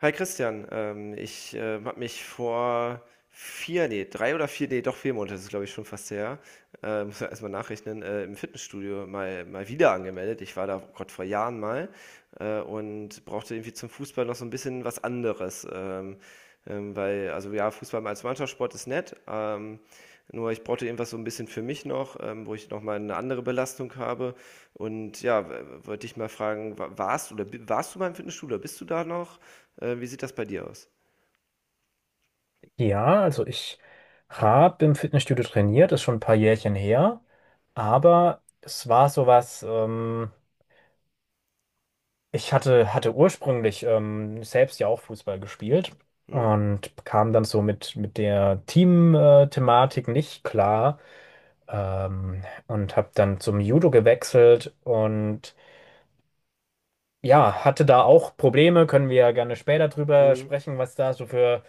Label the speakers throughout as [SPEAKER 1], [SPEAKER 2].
[SPEAKER 1] Hi Christian, ich habe mich vor vier, nee, drei oder vier, nee, doch vier Monate, das ist glaube ich schon fast her, muss ja erstmal nachrechnen, im Fitnessstudio mal wieder angemeldet. Ich war da, oh Gott, vor Jahren mal und brauchte irgendwie zum Fußball noch so ein bisschen was anderes. Weil, also ja, Fußball als Mannschaftssport ist nett. Nur ich brauchte irgendwas so ein bisschen für mich noch, wo ich nochmal eine andere Belastung habe. Und ja, wollte ich mal fragen, warst du, oder warst du beim Fitnessstudio, oder bist du da noch? Wie sieht das bei dir aus?
[SPEAKER 2] Ja, also ich habe im Fitnessstudio trainiert, ist schon ein paar Jährchen her, aber es war sowas, ich hatte ursprünglich selbst ja auch Fußball gespielt
[SPEAKER 1] Hm,
[SPEAKER 2] und kam dann so mit der Team-Thematik nicht klar, ähm, und habe dann zum Judo gewechselt und ja, hatte da auch Probleme, können wir ja gerne später drüber
[SPEAKER 1] hm.
[SPEAKER 2] sprechen, was da so für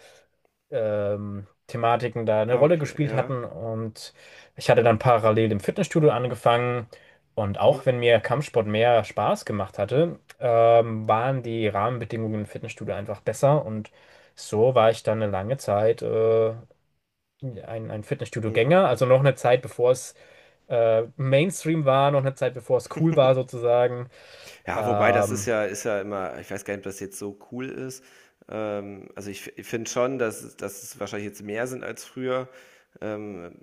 [SPEAKER 2] Thematiken da eine
[SPEAKER 1] Ah,
[SPEAKER 2] Rolle
[SPEAKER 1] okay,
[SPEAKER 2] gespielt
[SPEAKER 1] ja.
[SPEAKER 2] hatten. Und ich hatte dann parallel im Fitnessstudio angefangen. Und
[SPEAKER 1] Mhm,
[SPEAKER 2] auch wenn mir Kampfsport mehr Spaß gemacht hatte, waren die Rahmenbedingungen im Fitnessstudio einfach besser. Und so war ich dann eine lange Zeit ein
[SPEAKER 1] mhm.
[SPEAKER 2] Fitnessstudio-Gänger. Also noch eine Zeit, bevor es Mainstream war, noch eine Zeit, bevor es cool war sozusagen.
[SPEAKER 1] Ja, wobei, das ist
[SPEAKER 2] Ähm,
[SPEAKER 1] ja ist ja immer, ich weiß gar nicht, ob das jetzt so cool ist. Also ich finde schon, dass es wahrscheinlich jetzt mehr sind als früher. Ähm,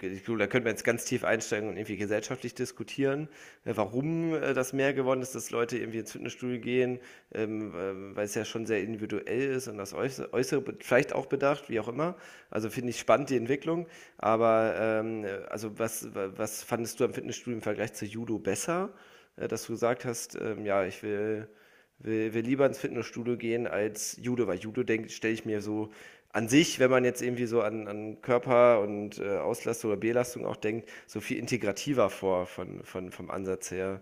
[SPEAKER 1] Ich glaube, da könnte man jetzt ganz tief einsteigen und irgendwie gesellschaftlich diskutieren, warum das mehr geworden ist, dass Leute irgendwie ins Fitnessstudio gehen, weil es ja schon sehr individuell ist und das Äußere vielleicht auch bedacht, wie auch immer. Also finde ich spannend, die Entwicklung. Aber also was fandest du am Fitnessstudio im Vergleich zu Judo besser? Dass du gesagt hast, ja, ich will, lieber ins Fitnessstudio gehen als Judo, weil Judo, denkt, stelle ich mir so an sich, wenn man jetzt irgendwie so an, Körper und Auslastung oder Belastung auch denkt, so viel integrativer vor vom Ansatz her.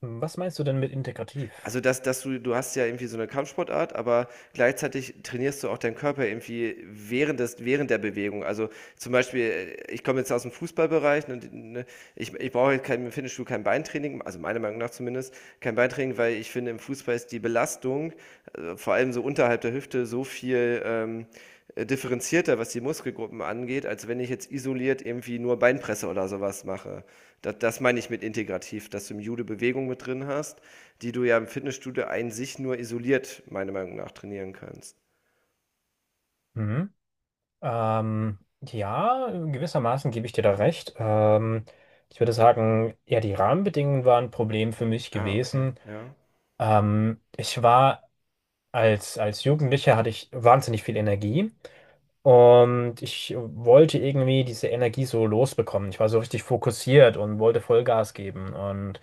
[SPEAKER 2] Was meinst du denn mit integrativ?
[SPEAKER 1] Also, dass du hast ja irgendwie so eine Kampfsportart, aber gleichzeitig trainierst du auch deinen Körper irgendwie während der Bewegung. Also, zum Beispiel, ich komme jetzt aus dem Fußballbereich, ne, ne, ich brauche jetzt kein, im Fitnessstudio kein Beintraining, also meiner Meinung nach zumindest, kein Beintraining, weil ich finde, im Fußball ist die Belastung vor allem so unterhalb der Hüfte so viel, differenzierter, was die Muskelgruppen angeht, als wenn ich jetzt isoliert irgendwie nur Beinpresse oder sowas mache. Da, das meine ich mit integrativ, dass du im Judo Bewegung mit drin hast, die du ja im Fitnessstudio ein sich nur isoliert, meiner Meinung nach, trainieren kannst.
[SPEAKER 2] Mhm. Ja, gewissermaßen gebe ich dir da recht. Ich würde sagen, ja, die Rahmenbedingungen waren ein Problem für mich
[SPEAKER 1] Ah, okay.
[SPEAKER 2] gewesen.
[SPEAKER 1] Ja.
[SPEAKER 2] Ich war als Jugendlicher hatte ich wahnsinnig viel Energie und ich wollte irgendwie diese Energie so losbekommen. Ich war so richtig fokussiert und wollte Vollgas geben und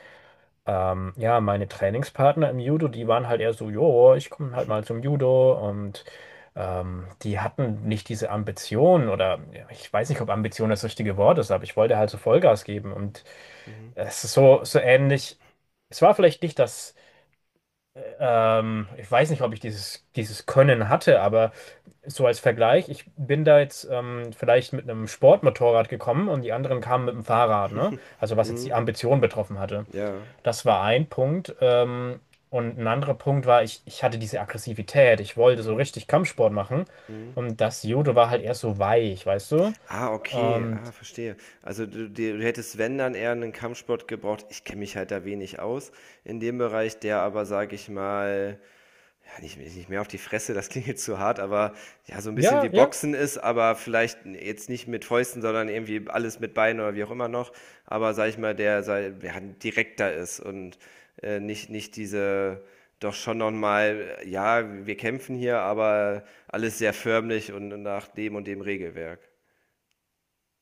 [SPEAKER 2] Ja, meine Trainingspartner im Judo, die waren halt eher so, jo, ich komme halt mal zum Judo und die hatten nicht diese Ambition oder ja, ich weiß nicht, ob Ambition das richtige Wort ist, aber ich wollte halt so Vollgas geben und
[SPEAKER 1] Mhm.
[SPEAKER 2] es ist so, so ähnlich. Es war vielleicht nicht das, ich weiß nicht, ob ich dieses Können hatte, aber so als Vergleich, ich bin da jetzt vielleicht mit einem Sportmotorrad gekommen und die anderen kamen mit dem Fahrrad, ne? Also was jetzt die
[SPEAKER 1] Mhm.
[SPEAKER 2] Ambition betroffen hatte.
[SPEAKER 1] Ja.
[SPEAKER 2] Das
[SPEAKER 1] Ja.
[SPEAKER 2] war ein Punkt. Und ein anderer Punkt war, ich hatte diese Aggressivität. Ich wollte so
[SPEAKER 1] Mhm.
[SPEAKER 2] richtig Kampfsport machen.
[SPEAKER 1] Mhm.
[SPEAKER 2] Und das Judo war halt eher so weich, weißt du?
[SPEAKER 1] Ah, okay.
[SPEAKER 2] Und
[SPEAKER 1] Ah, verstehe. Also du, du hättest, wenn, dann eher einen Kampfsport gebraucht. Ich kenne mich halt da wenig aus in dem Bereich, der aber, sage ich mal, nicht, nicht mehr auf die Fresse, das klingt jetzt zu hart, aber ja, so ein bisschen wie
[SPEAKER 2] ja, ja,
[SPEAKER 1] Boxen ist, aber vielleicht jetzt nicht mit Fäusten, sondern irgendwie alles mit Beinen oder wie auch immer noch. Aber sag ich mal, der, ja, direkter ist und nicht, nicht diese, doch schon nochmal, ja, wir kämpfen hier, aber alles sehr förmlich und nach dem und dem Regelwerk.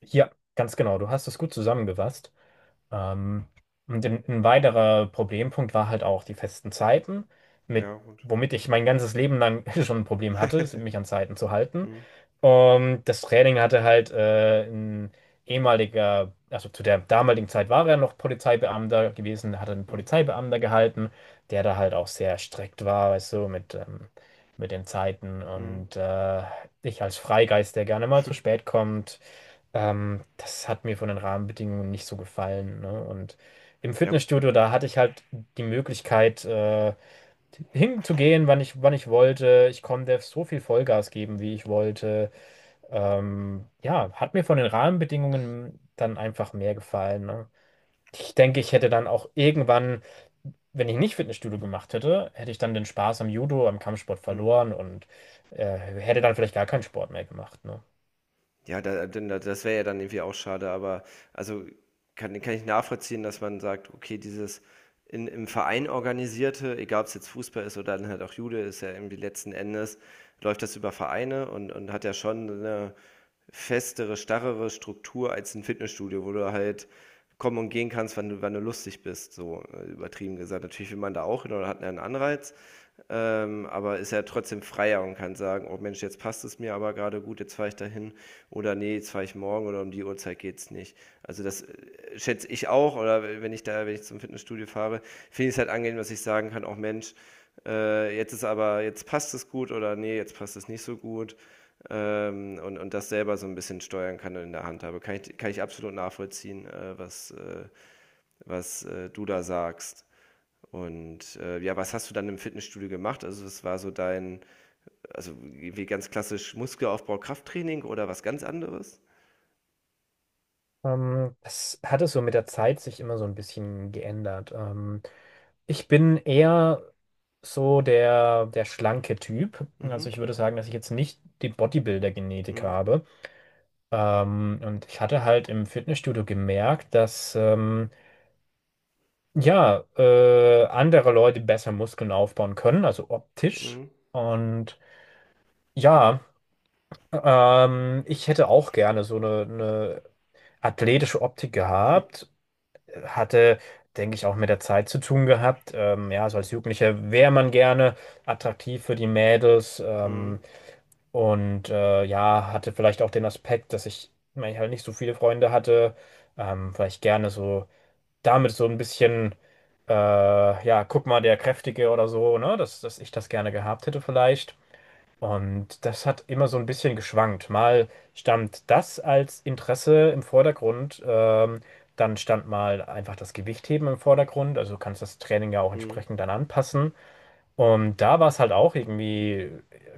[SPEAKER 2] ja, ganz genau. Du hast es gut zusammengefasst. Ähm, und ein weiterer Problempunkt war halt auch die festen Zeiten, mit,
[SPEAKER 1] Ja, gut.
[SPEAKER 2] womit ich
[SPEAKER 1] Hm.
[SPEAKER 2] mein ganzes Leben lang schon ein Problem hatte, mich an Zeiten zu halten.
[SPEAKER 1] Hm,
[SPEAKER 2] Und das Training hatte halt ein ehemaliger, also zu der damaligen Zeit war er noch Polizeibeamter gewesen, hatte einen
[SPEAKER 1] hm,
[SPEAKER 2] Polizeibeamter gehalten, der da halt auch sehr strikt war, weißt du, mit den Zeiten.
[SPEAKER 1] hm.
[SPEAKER 2] Und ich als Freigeist, der gerne mal zu spät kommt, das hat mir von den Rahmenbedingungen nicht so gefallen, ne? Und im
[SPEAKER 1] Ja,
[SPEAKER 2] Fitnessstudio, da hatte ich halt die Möglichkeit, hinzugehen, wann wann ich wollte. Ich konnte so viel Vollgas geben, wie ich wollte. Ja, hat mir von den Rahmenbedingungen dann einfach mehr gefallen, ne? Ich denke, ich hätte dann auch irgendwann, wenn ich nicht Fitnessstudio gemacht hätte, hätte ich dann den Spaß am Judo, am Kampfsport
[SPEAKER 1] hm.
[SPEAKER 2] verloren und hätte dann vielleicht gar keinen Sport mehr gemacht, ne?
[SPEAKER 1] Ja, das wäre ja dann irgendwie auch schade, aber also kann ich nachvollziehen, dass man sagt, okay, dieses im Verein organisierte, egal ob es jetzt Fußball ist oder dann halt auch Jude, ist ja irgendwie letzten Endes, läuft das über Vereine, und, hat ja schon eine festere, starrere Struktur als ein Fitnessstudio, wo du halt kommen und gehen kannst, wann du lustig bist, so übertrieben gesagt. Natürlich will man da auch hin oder hat einen Anreiz, aber ist er trotzdem freier und kann sagen, oh Mensch, jetzt passt es mir aber gerade gut, jetzt fahre ich dahin, oder nee, jetzt fahre ich morgen, oder um die Uhrzeit geht's nicht. Also das schätze ich auch, oder wenn ich zum Fitnessstudio fahre, finde ich es halt angenehm, dass ich sagen kann, oh Mensch, jetzt ist aber, jetzt passt es gut, oder nee, jetzt passt es nicht so gut, und, das selber so ein bisschen steuern kann und in der Hand habe. Kann ich absolut nachvollziehen, was du da sagst. Und ja, was hast du dann im Fitnessstudio gemacht? Also, es war so dein, also wie ganz klassisch Muskelaufbau, Krafttraining oder was ganz anderes?
[SPEAKER 2] Das hat es so mit der Zeit sich immer so ein bisschen geändert. Ich bin eher so der schlanke Typ. Also
[SPEAKER 1] Mhm.
[SPEAKER 2] ich würde sagen, dass ich jetzt nicht die Bodybuilder-Genetik
[SPEAKER 1] Mhm.
[SPEAKER 2] habe. Und ich hatte halt im Fitnessstudio gemerkt, dass ja, andere Leute besser Muskeln aufbauen können, also optisch.
[SPEAKER 1] Mhm.
[SPEAKER 2] Und ja, ich hätte auch gerne so eine athletische Optik gehabt. Hatte, denke ich, auch mit der Zeit zu tun gehabt. Ja, so als Jugendlicher wäre man gerne attraktiv für die Mädels.
[SPEAKER 1] Mhm.
[SPEAKER 2] Und ja, hatte vielleicht auch den Aspekt, dass ich, weil ich halt nicht so viele Freunde hatte, vielleicht gerne so damit so ein bisschen, ja, guck mal, der Kräftige oder so, ne, dass ich das gerne gehabt hätte vielleicht. Und das hat immer so ein bisschen geschwankt. Mal stand das als Interesse im Vordergrund, dann stand mal einfach das Gewichtheben im Vordergrund. Also du kannst das Training ja auch
[SPEAKER 1] Mhm.
[SPEAKER 2] entsprechend dann anpassen. Und da war es halt auch irgendwie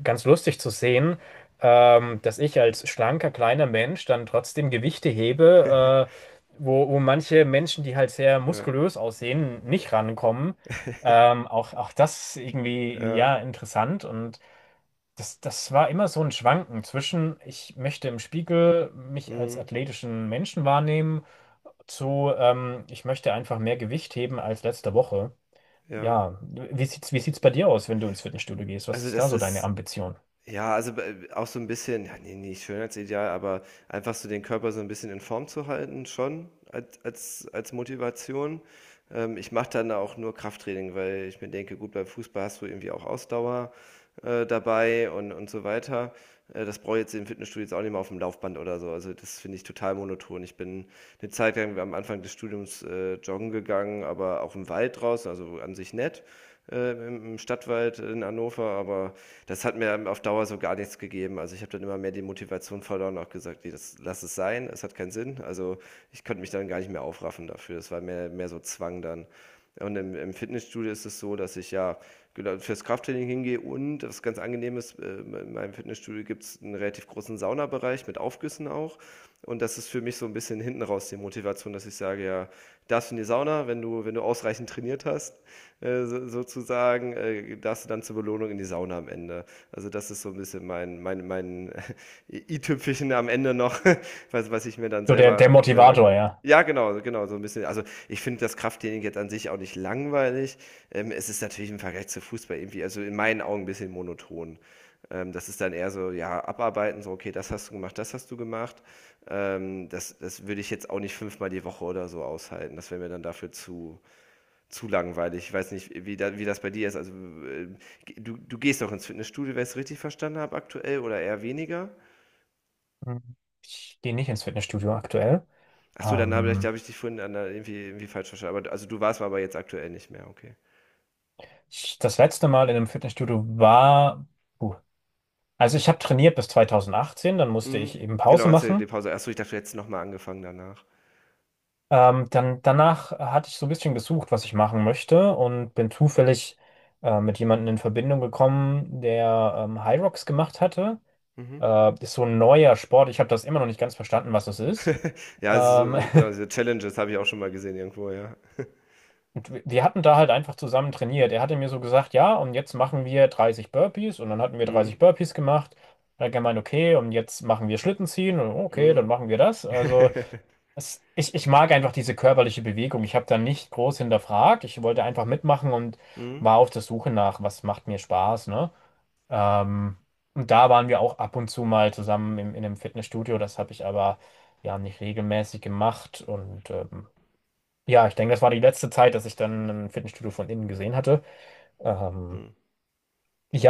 [SPEAKER 2] ganz lustig zu sehen, dass ich als schlanker, kleiner Mensch dann trotzdem Gewichte hebe, wo manche Menschen, die halt sehr
[SPEAKER 1] Ja.
[SPEAKER 2] muskulös aussehen, nicht rankommen. Auch, auch das irgendwie, ja,
[SPEAKER 1] Ja.
[SPEAKER 2] interessant und das war immer so ein Schwanken zwischen, ich möchte im Spiegel mich als
[SPEAKER 1] Mhm.
[SPEAKER 2] athletischen Menschen wahrnehmen, ich möchte einfach mehr Gewicht heben als letzte Woche.
[SPEAKER 1] Ja.
[SPEAKER 2] Ja, wie wie sieht's bei dir aus, wenn du ins Fitnessstudio gehst? Was
[SPEAKER 1] Also
[SPEAKER 2] ist da
[SPEAKER 1] das
[SPEAKER 2] so deine
[SPEAKER 1] ist,
[SPEAKER 2] Ambition?
[SPEAKER 1] ja, also, b auch so ein bisschen, ja, ne, nicht Schönheitsideal, aber einfach so den Körper so ein bisschen in Form zu halten, schon als Motivation. Ich mache dann auch nur Krafttraining, weil ich mir denke: „Gut, beim Fußball hast du irgendwie auch Ausdauer dabei, und so weiter.“ Das brauche ich jetzt im Fitnessstudio jetzt auch nicht mehr, auf dem Laufband oder so. Also, das finde ich total monoton. Ich bin eine Zeit lang am Anfang des Studiums joggen gegangen, aber auch im Wald draußen, also an sich nett, im Stadtwald in Hannover, aber das hat mir auf Dauer so gar nichts gegeben. Also ich habe dann immer mehr die Motivation verloren und auch gesagt, nee, das lass es sein, es hat keinen Sinn. Also ich konnte mich dann gar nicht mehr aufraffen dafür. Das war mehr, mehr so Zwang dann. Und im Fitnessstudio ist es so, dass ich ja, genau, fürs Krafttraining hingehe. Und was ganz angenehm ist, in meinem Fitnessstudio gibt es einen relativ großen Saunabereich mit Aufgüssen auch. Und das ist für mich so ein bisschen hinten raus die Motivation, dass ich sage, ja, darfst du in die Sauna, wenn du, ausreichend trainiert hast, so, sozusagen, darfst du dann zur Belohnung Wohnung in die Sauna am Ende. Also das ist so ein bisschen mein, i-Tüpfelchen am Ende noch, was ich mir dann
[SPEAKER 2] So der
[SPEAKER 1] selber
[SPEAKER 2] Motivator,
[SPEAKER 1] gönne.
[SPEAKER 2] ja.
[SPEAKER 1] Ja, genau, genau, so ein bisschen. Also ich finde das Krafttraining jetzt an sich auch nicht langweilig. Es ist natürlich im Vergleich zu Fußball irgendwie, also in meinen Augen, ein bisschen monoton. Das ist dann eher so, ja, abarbeiten, so, okay, das hast du gemacht, das hast du gemacht. Das würde ich jetzt auch nicht fünfmal die Woche oder so aushalten. Das wäre mir dann dafür zu, langweilig. Ich weiß nicht, wie das bei dir ist. Also, äh, du, gehst doch ins Fitnessstudio, wenn ich es richtig verstanden habe, aktuell, oder eher weniger?
[SPEAKER 2] Mhm. Ich gehe nicht ins Fitnessstudio aktuell.
[SPEAKER 1] Achso, dann da
[SPEAKER 2] Ähm,
[SPEAKER 1] hab ich dich vorhin irgendwie falsch verstanden. Aber, also, du warst aber jetzt aktuell nicht mehr, okay.
[SPEAKER 2] das letzte Mal in einem Fitnessstudio war, puh, also ich habe trainiert bis 2018, dann musste
[SPEAKER 1] Mhm.
[SPEAKER 2] ich eben
[SPEAKER 1] Genau,
[SPEAKER 2] Pause
[SPEAKER 1] hast du die
[SPEAKER 2] machen.
[SPEAKER 1] Pause. Achso, ich dachte, du hättest nochmal angefangen danach.
[SPEAKER 2] Danach hatte ich so ein bisschen gesucht, was ich machen möchte und bin zufällig mit jemandem in Verbindung gekommen, der High Rocks gemacht hatte.
[SPEAKER 1] Mhm.
[SPEAKER 2] Ist so ein neuer Sport. Ich habe das immer noch nicht ganz verstanden, was das ist.
[SPEAKER 1] Ja, es ist so,
[SPEAKER 2] Ähm,
[SPEAKER 1] genau, diese Challenges habe ich auch schon mal gesehen irgendwo, ja.
[SPEAKER 2] und wir hatten da halt einfach zusammen trainiert. Er hatte mir so gesagt, ja, und jetzt machen wir 30 Burpees und dann hatten wir 30
[SPEAKER 1] Mhm.
[SPEAKER 2] Burpees gemacht. Dann hat er gemeint, okay, und jetzt machen wir Schlitten ziehen und okay, dann
[SPEAKER 1] Mhm.
[SPEAKER 2] machen wir das. Also das, ich mag einfach diese körperliche Bewegung. Ich habe da nicht groß hinterfragt. Ich wollte einfach mitmachen und
[SPEAKER 1] Mhm.
[SPEAKER 2] war auf der Suche nach, was macht mir Spaß, ne? Ähm, und da waren wir auch ab und zu mal zusammen in einem Fitnessstudio. Das habe ich aber ja nicht regelmäßig gemacht. Und ja, ich denke, das war die letzte Zeit, dass ich dann ein Fitnessstudio von innen gesehen hatte. Ähm,
[SPEAKER 1] Mhm.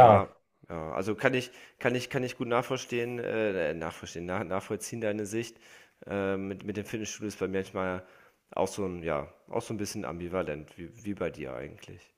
[SPEAKER 1] Ja, ja, also kann ich gut nachverstehen, nachvollziehen deine Sicht. Mit dem Fitnessstudio ist bei mir manchmal auch so ein, ja, auch so ein bisschen ambivalent, wie bei dir eigentlich.